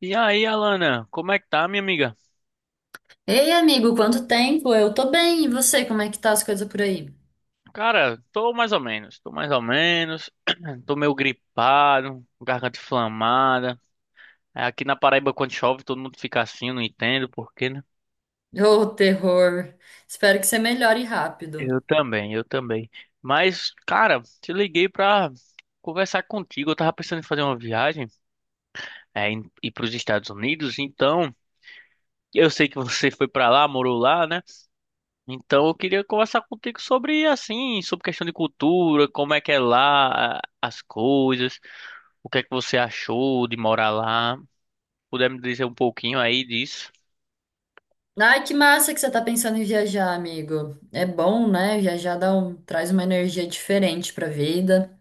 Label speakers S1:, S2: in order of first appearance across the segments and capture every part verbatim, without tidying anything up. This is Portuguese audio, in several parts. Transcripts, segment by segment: S1: E aí, Alana, como é que tá, minha amiga?
S2: Ei, amigo, quanto tempo? Eu tô bem, e você? Como é que tá as coisas por aí?
S1: Cara, tô mais ou menos, tô mais ou menos, tô meio gripado, garganta inflamada. É, Aqui na Paraíba, quando chove, todo mundo fica assim, eu não entendo por quê, né?
S2: Ô, terror! Espero que você melhore
S1: Eu
S2: rápido.
S1: também, eu também. Mas, cara, te liguei pra conversar contigo. Eu tava pensando em fazer uma viagem, é, em- ir pros Estados Unidos, então eu sei que você foi pra lá, morou lá, né? Então, eu queria conversar contigo sobre assim, sobre questão de cultura, como é que é lá, a- as coisas, o que é que você achou de morar lá. Puder me dizer um pouquinho aí disso?
S2: Ai, que massa que você tá pensando em viajar, amigo. É bom, né? Viajar dá um- traz uma energia diferente pra vida.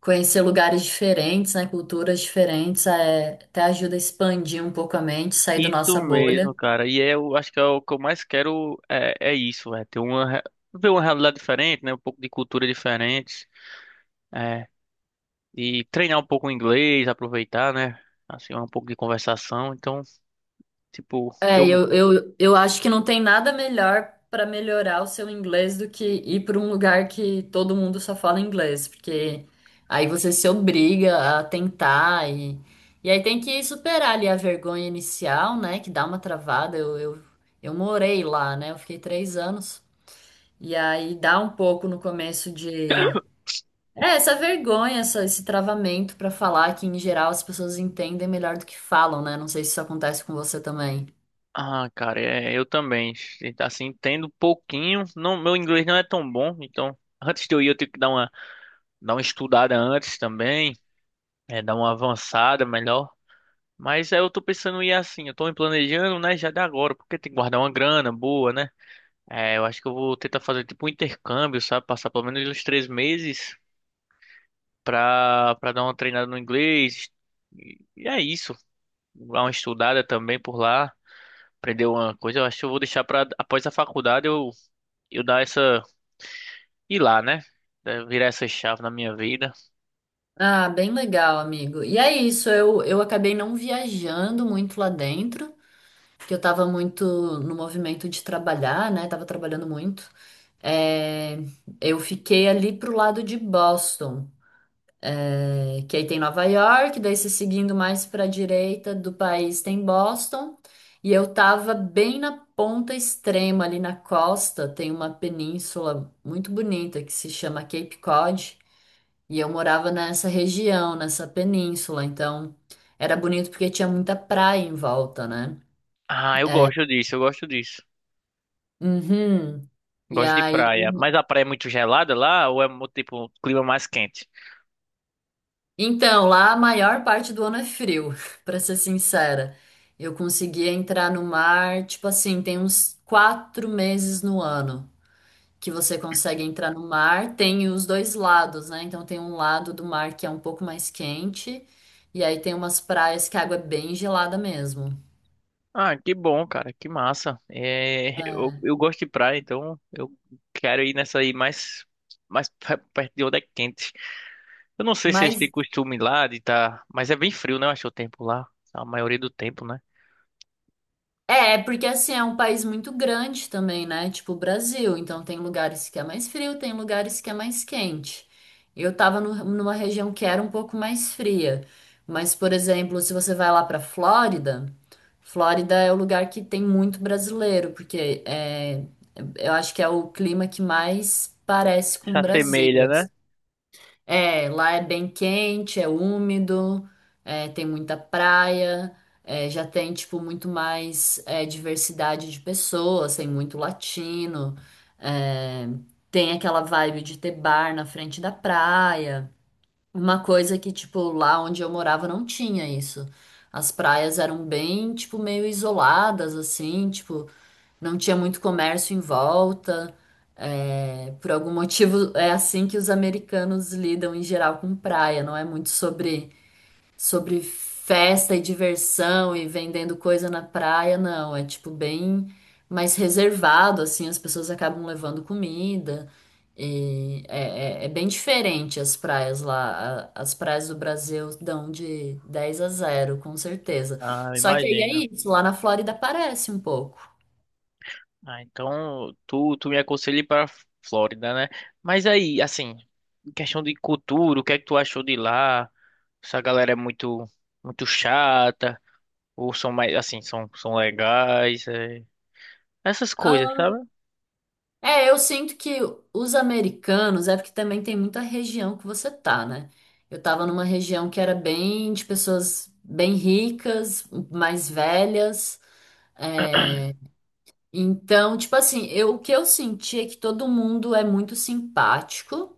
S2: Conhecer lugares diferentes, né? Culturas diferentes, é, até ajuda a expandir um pouco a mente, sair da
S1: Isso
S2: nossa bolha.
S1: mesmo, cara. E é, eu acho que é o que eu mais quero é, é isso, é ter uma re- ver uma realidade diferente, né? Um pouco de cultura diferente, é, e treinar um pouco o inglês, aproveitar, né? Assim, um pouco de conversação. Então, tipo, eu.
S2: É, eu, eu, eu acho que não tem nada melhor para melhorar o seu inglês do que ir para um lugar que todo mundo só fala inglês, porque aí você se obriga a tentar e, e aí tem que superar ali a vergonha inicial, né? Que dá uma travada. Eu, eu, eu morei lá, né? Eu fiquei três anos. E aí dá um pouco no começo de. É, essa vergonha, essa, esse travamento para falar que em geral as pessoas entendem melhor do que falam, né? Não sei se isso acontece com você também.
S1: Ah, cara, é, eu também. Assim, entendo um pouquinho. Não, meu inglês não é tão bom, então antes de eu ir eu tenho que dar uma, dar uma estudada antes também, é, dar uma avançada melhor. Mas aí eu tô pensando em ir assim, eu tô me planejando, né, já de agora, porque tem que guardar uma grana boa, né? É, eu acho que eu vou tentar fazer tipo um intercâmbio, sabe? Passar pelo menos uns três meses pra, pra dar uma treinada no inglês. E, e é isso. Dar uma estudada também por lá. Aprender uma coisa, eu acho que eu vou deixar pra após a faculdade eu eu dar essa. Ir lá, né? Eh, Virar essa chave na minha vida.
S2: Ah, bem legal, amigo. E é isso, eu, eu acabei não viajando muito lá dentro, porque eu tava muito no movimento de trabalhar, né? Tava trabalhando muito. É, eu fiquei ali pro lado de Boston, é, que aí tem Nova York, daí se seguindo mais pra direita do país tem Boston, e eu tava bem na ponta extrema ali na costa, tem uma península muito bonita que se chama Cape Cod. E eu morava nessa região, nessa península, então era bonito porque tinha muita praia em volta, né?
S1: Ah, eu gosto disso, eu gosto disso.
S2: Uhum. E
S1: Gosto de
S2: aí,
S1: praia. Mas a praia é muito gelada lá ou é mu- tipo um clima mais quente?
S2: então, lá a maior parte do ano é frio, pra ser sincera. Eu conseguia entrar no mar, tipo assim, tem uns quatro meses no ano que você consegue entrar no mar. Tem os dois lados, né? Então tem um lado do mar que é um pouco mais quente, e aí tem umas praias que a água é bem gelada mesmo.
S1: Ah, que bom, cara, que massa. É, eu,
S2: É.
S1: eu gosto de praia, então eu quero ir nessa aí mais, mais pe- perto de onde é quente. Eu não sei se eles
S2: Mas
S1: têm costume lá de tá, mas é bem frio, né? Eu acho o tempo lá, a maioria do tempo, né?
S2: é, porque assim é um país muito grande também, né? Tipo o Brasil. Então tem lugares que é mais frio, tem lugares que é mais quente. Eu tava no- numa região que era um pouco mais fria. Mas, por exemplo, se você vai lá pra Flórida, Flórida é o lugar que tem muito brasileiro, porque é, eu acho que é o clima que mais parece
S1: Se
S2: com o Brasil.
S1: assemelha, né?
S2: É, lá é bem quente, é úmido, é, tem muita praia, é, já tem, tipo, muito mais é, diversidade de pessoas, tem muito latino, é, tem aquela vibe de ter bar na frente da praia. Uma coisa que, tipo, lá onde eu morava não tinha isso. As praias eram bem, tipo, meio isoladas, assim, tipo, não tinha muito comércio em volta. É, por algum motivo, é assim que os americanos lidam em geral com praia. Não é muito sobre, sobre festa e diversão e vendendo coisa na praia, não. É tipo bem mais reservado, assim. As pessoas acabam levando comida. E é, é- é bem diferente as praias lá. A- As praias do Brasil dão de dez a zero com certeza.
S1: Ah,
S2: Só que aí é
S1: imagino.
S2: isso. Lá na Flórida parece um pouco.
S1: Ah, então tu, tu me aconselha ir pra Flórida, né? Mas aí, assim, em questão de cultura, o que é que tu achou de lá? Essa galera é muito, muito chata, ou são mais, assim, são, são legais, é. Essas coisas, sabe?
S2: É, eu sinto que os americanos, é porque também tem muita região que você tá, né? Eu tava numa região que era bem de pessoas bem ricas, mais velhas. é, Então, tipo assim, eu, o que eu senti é que todo mundo é muito simpático.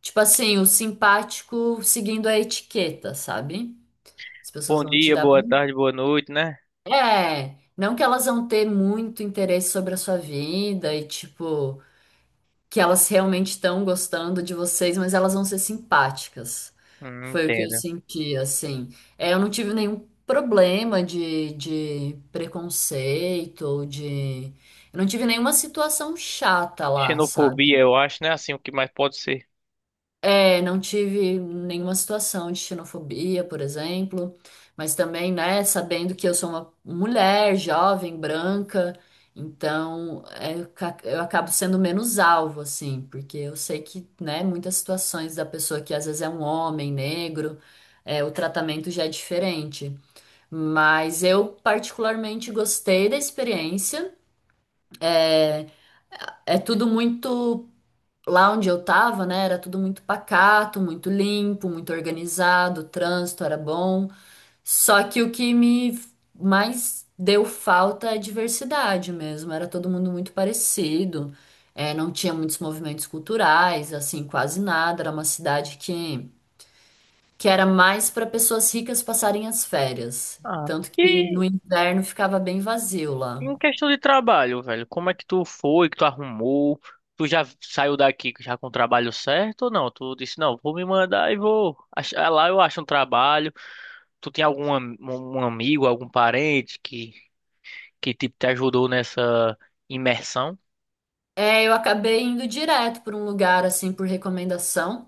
S2: Tipo assim, o simpático seguindo a etiqueta, sabe? As pessoas
S1: Bom
S2: vão te
S1: dia,
S2: dar
S1: boa
S2: bom.
S1: tarde, boa noite, né?
S2: É, não que elas vão ter muito interesse sobre a sua vida e tipo. Que elas realmente estão gostando de vocês, mas elas vão ser simpáticas.
S1: Hum,
S2: Foi o que eu
S1: entendo.
S2: senti, assim. É, eu não tive nenhum problema de, de preconceito ou de. Eu não tive nenhuma situação chata lá,
S1: Xenofobia,
S2: sabe?
S1: eu acho, né? Assim, o que mais pode ser.
S2: É, não tive nenhuma situação de xenofobia, por exemplo, mas também, né, sabendo que eu sou uma mulher jovem, branca, então é, eu ca- eu acabo sendo menos alvo, assim, porque eu sei que, né, muitas situações da pessoa que às vezes é um homem negro, é, o tratamento já é diferente. Mas eu particularmente gostei da experiência. É tudo muito lá onde eu tava, né, era tudo muito pacato, muito limpo, muito organizado, o trânsito era bom. Só que o que me mais deu falta é a diversidade mesmo. Era todo mundo muito parecido, é, não tinha muitos movimentos culturais, assim, quase nada. Era uma cidade que, que era mais para pessoas ricas passarem as férias.
S1: Ah.
S2: Tanto que no
S1: E
S2: inverno ficava bem vazio lá.
S1: em questão de trabalho, velho, como é que tu foi, que tu arrumou? Tu já saiu daqui já com o trabalho certo ou não? Tu disse, não, vou me mandar e vou. Achar- lá eu acho um trabalho. Tu tem algum am- um amigo, algum parente que, que tipo, te ajudou nessa imersão?
S2: É, eu acabei indo direto para um lugar assim por recomendação.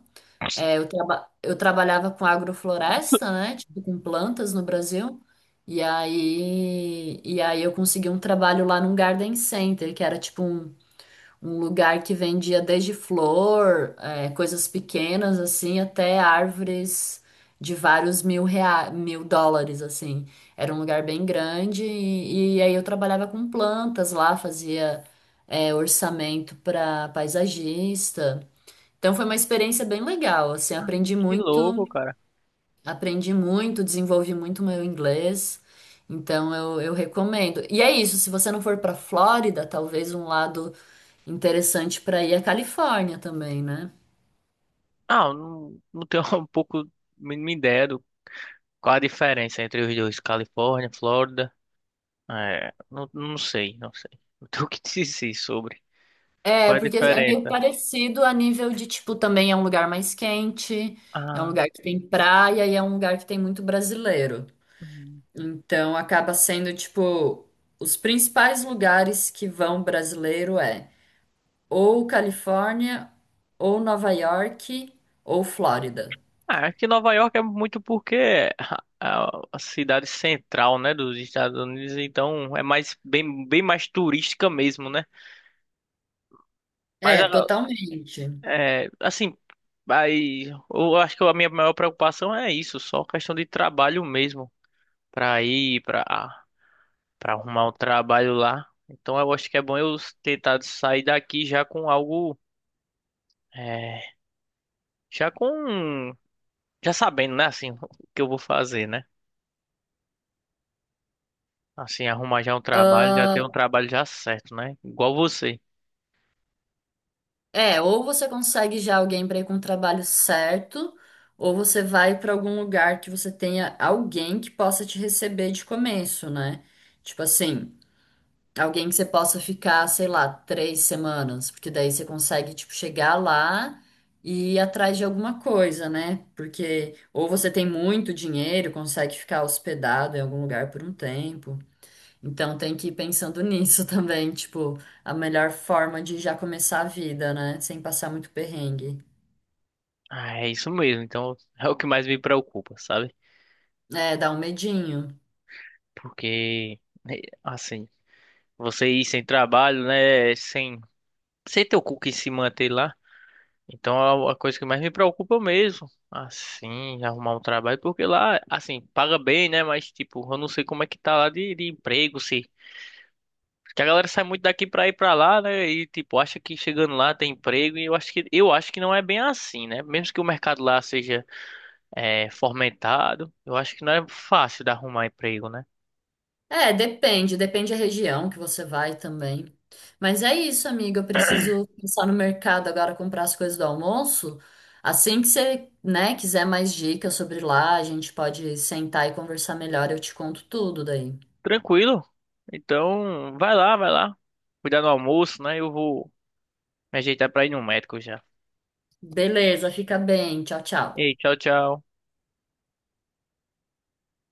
S2: É, eu, traba- eu trabalhava com agrofloresta, né? Tipo, com plantas no Brasil. E aí, e aí eu consegui um trabalho lá num garden center, que era tipo um, um lugar que vendia desde flor, é, coisas pequenas, assim, até árvores de vários mil rea... mil dólares, assim. Era um lugar bem grande e, e aí eu trabalhava com plantas lá, fazia, é, orçamento para paisagista. Então foi uma experiência bem legal, assim, aprendi
S1: Que
S2: muito,
S1: louco, cara.
S2: aprendi muito, desenvolvi muito meu inglês. Então eu, eu recomendo. E é isso, se você não for para Flórida, talvez um lado interessante para ir é a Califórnia também, né?
S1: Ah, eu não, não tenho um pouco mínima ideia do qual a diferença entre os dois, Califórnia, Flórida. É, não, não sei, não sei. Não tenho o que dizer sobre.
S2: É,
S1: Qual é a
S2: porque é meio
S1: diferença?
S2: parecido a nível de, tipo, também é um lugar mais quente, é um
S1: Ah.
S2: lugar que tem praia e é um lugar que tem muito brasileiro.
S1: Hum.
S2: Então acaba sendo, tipo, os principais lugares que vão brasileiro é ou Califórnia, ou Nova York, ou Flórida.
S1: Ah, aqui Nova York é muito porque é a a cidade central, né, dos Estados Unidos, então é mais bem, bem mais turística mesmo, né? Mas
S2: É,
S1: a-
S2: totalmente.
S1: é, assim, aí eu acho que a minha maior preocupação é isso, só questão de trabalho mesmo, para ir, para para arrumar um trabalho lá. Então eu acho que é bom eu tentar sair daqui já com algo, é, já com já sabendo, né, assim, o que eu vou fazer, né? Assim, arrumar já um trabalho, já ter
S2: Ah,
S1: um trabalho já certo, né? Igual você.
S2: é, ou você consegue já alguém para ir com o trabalho certo, ou você vai para algum lugar que você tenha alguém que possa te receber de começo, né? Tipo assim, alguém que você possa ficar, sei lá, três semanas, porque daí você consegue, tipo, chegar lá e ir atrás de alguma coisa, né? Porque ou você tem muito dinheiro, consegue ficar hospedado em algum lugar por um tempo. Então tem que ir pensando nisso também, tipo, a melhor forma de já começar a vida, né? Sem passar muito perrengue.
S1: Ah, é isso mesmo. Então, é o que mais me preocupa, sabe?
S2: É, dá um medinho.
S1: Porque, né, assim, você ir sem trabalho, né? Sem, sem ter o cu que se manter lá. Então, é a coisa que mais me preocupa mesmo. Assim, arrumar um trabalho. Porque lá, assim, paga bem, né? Mas, tipo, eu não sei como é que tá lá de, de emprego, se. Que a galera sai muito daqui pra ir pra lá, né? E tipo, acha que chegando lá tem emprego. E eu acho que eu acho que não é bem assim, né? Mesmo que o mercado lá seja é, fomentado, eu acho que não é fácil de arrumar emprego, né?
S2: É, depende, depende da região que você vai também. Mas é isso, amiga. Eu preciso pensar no mercado agora, comprar as coisas do almoço. Assim que você, né, quiser mais dicas sobre lá, a gente pode sentar e conversar melhor. Eu te conto tudo daí.
S1: Tranquilo. Então, vai lá, vai lá. Cuidar do almoço, né? Eu vou me ajeitar pra ir no médico já.
S2: Beleza, fica bem. Tchau, tchau.
S1: Ei, tchau, tchau.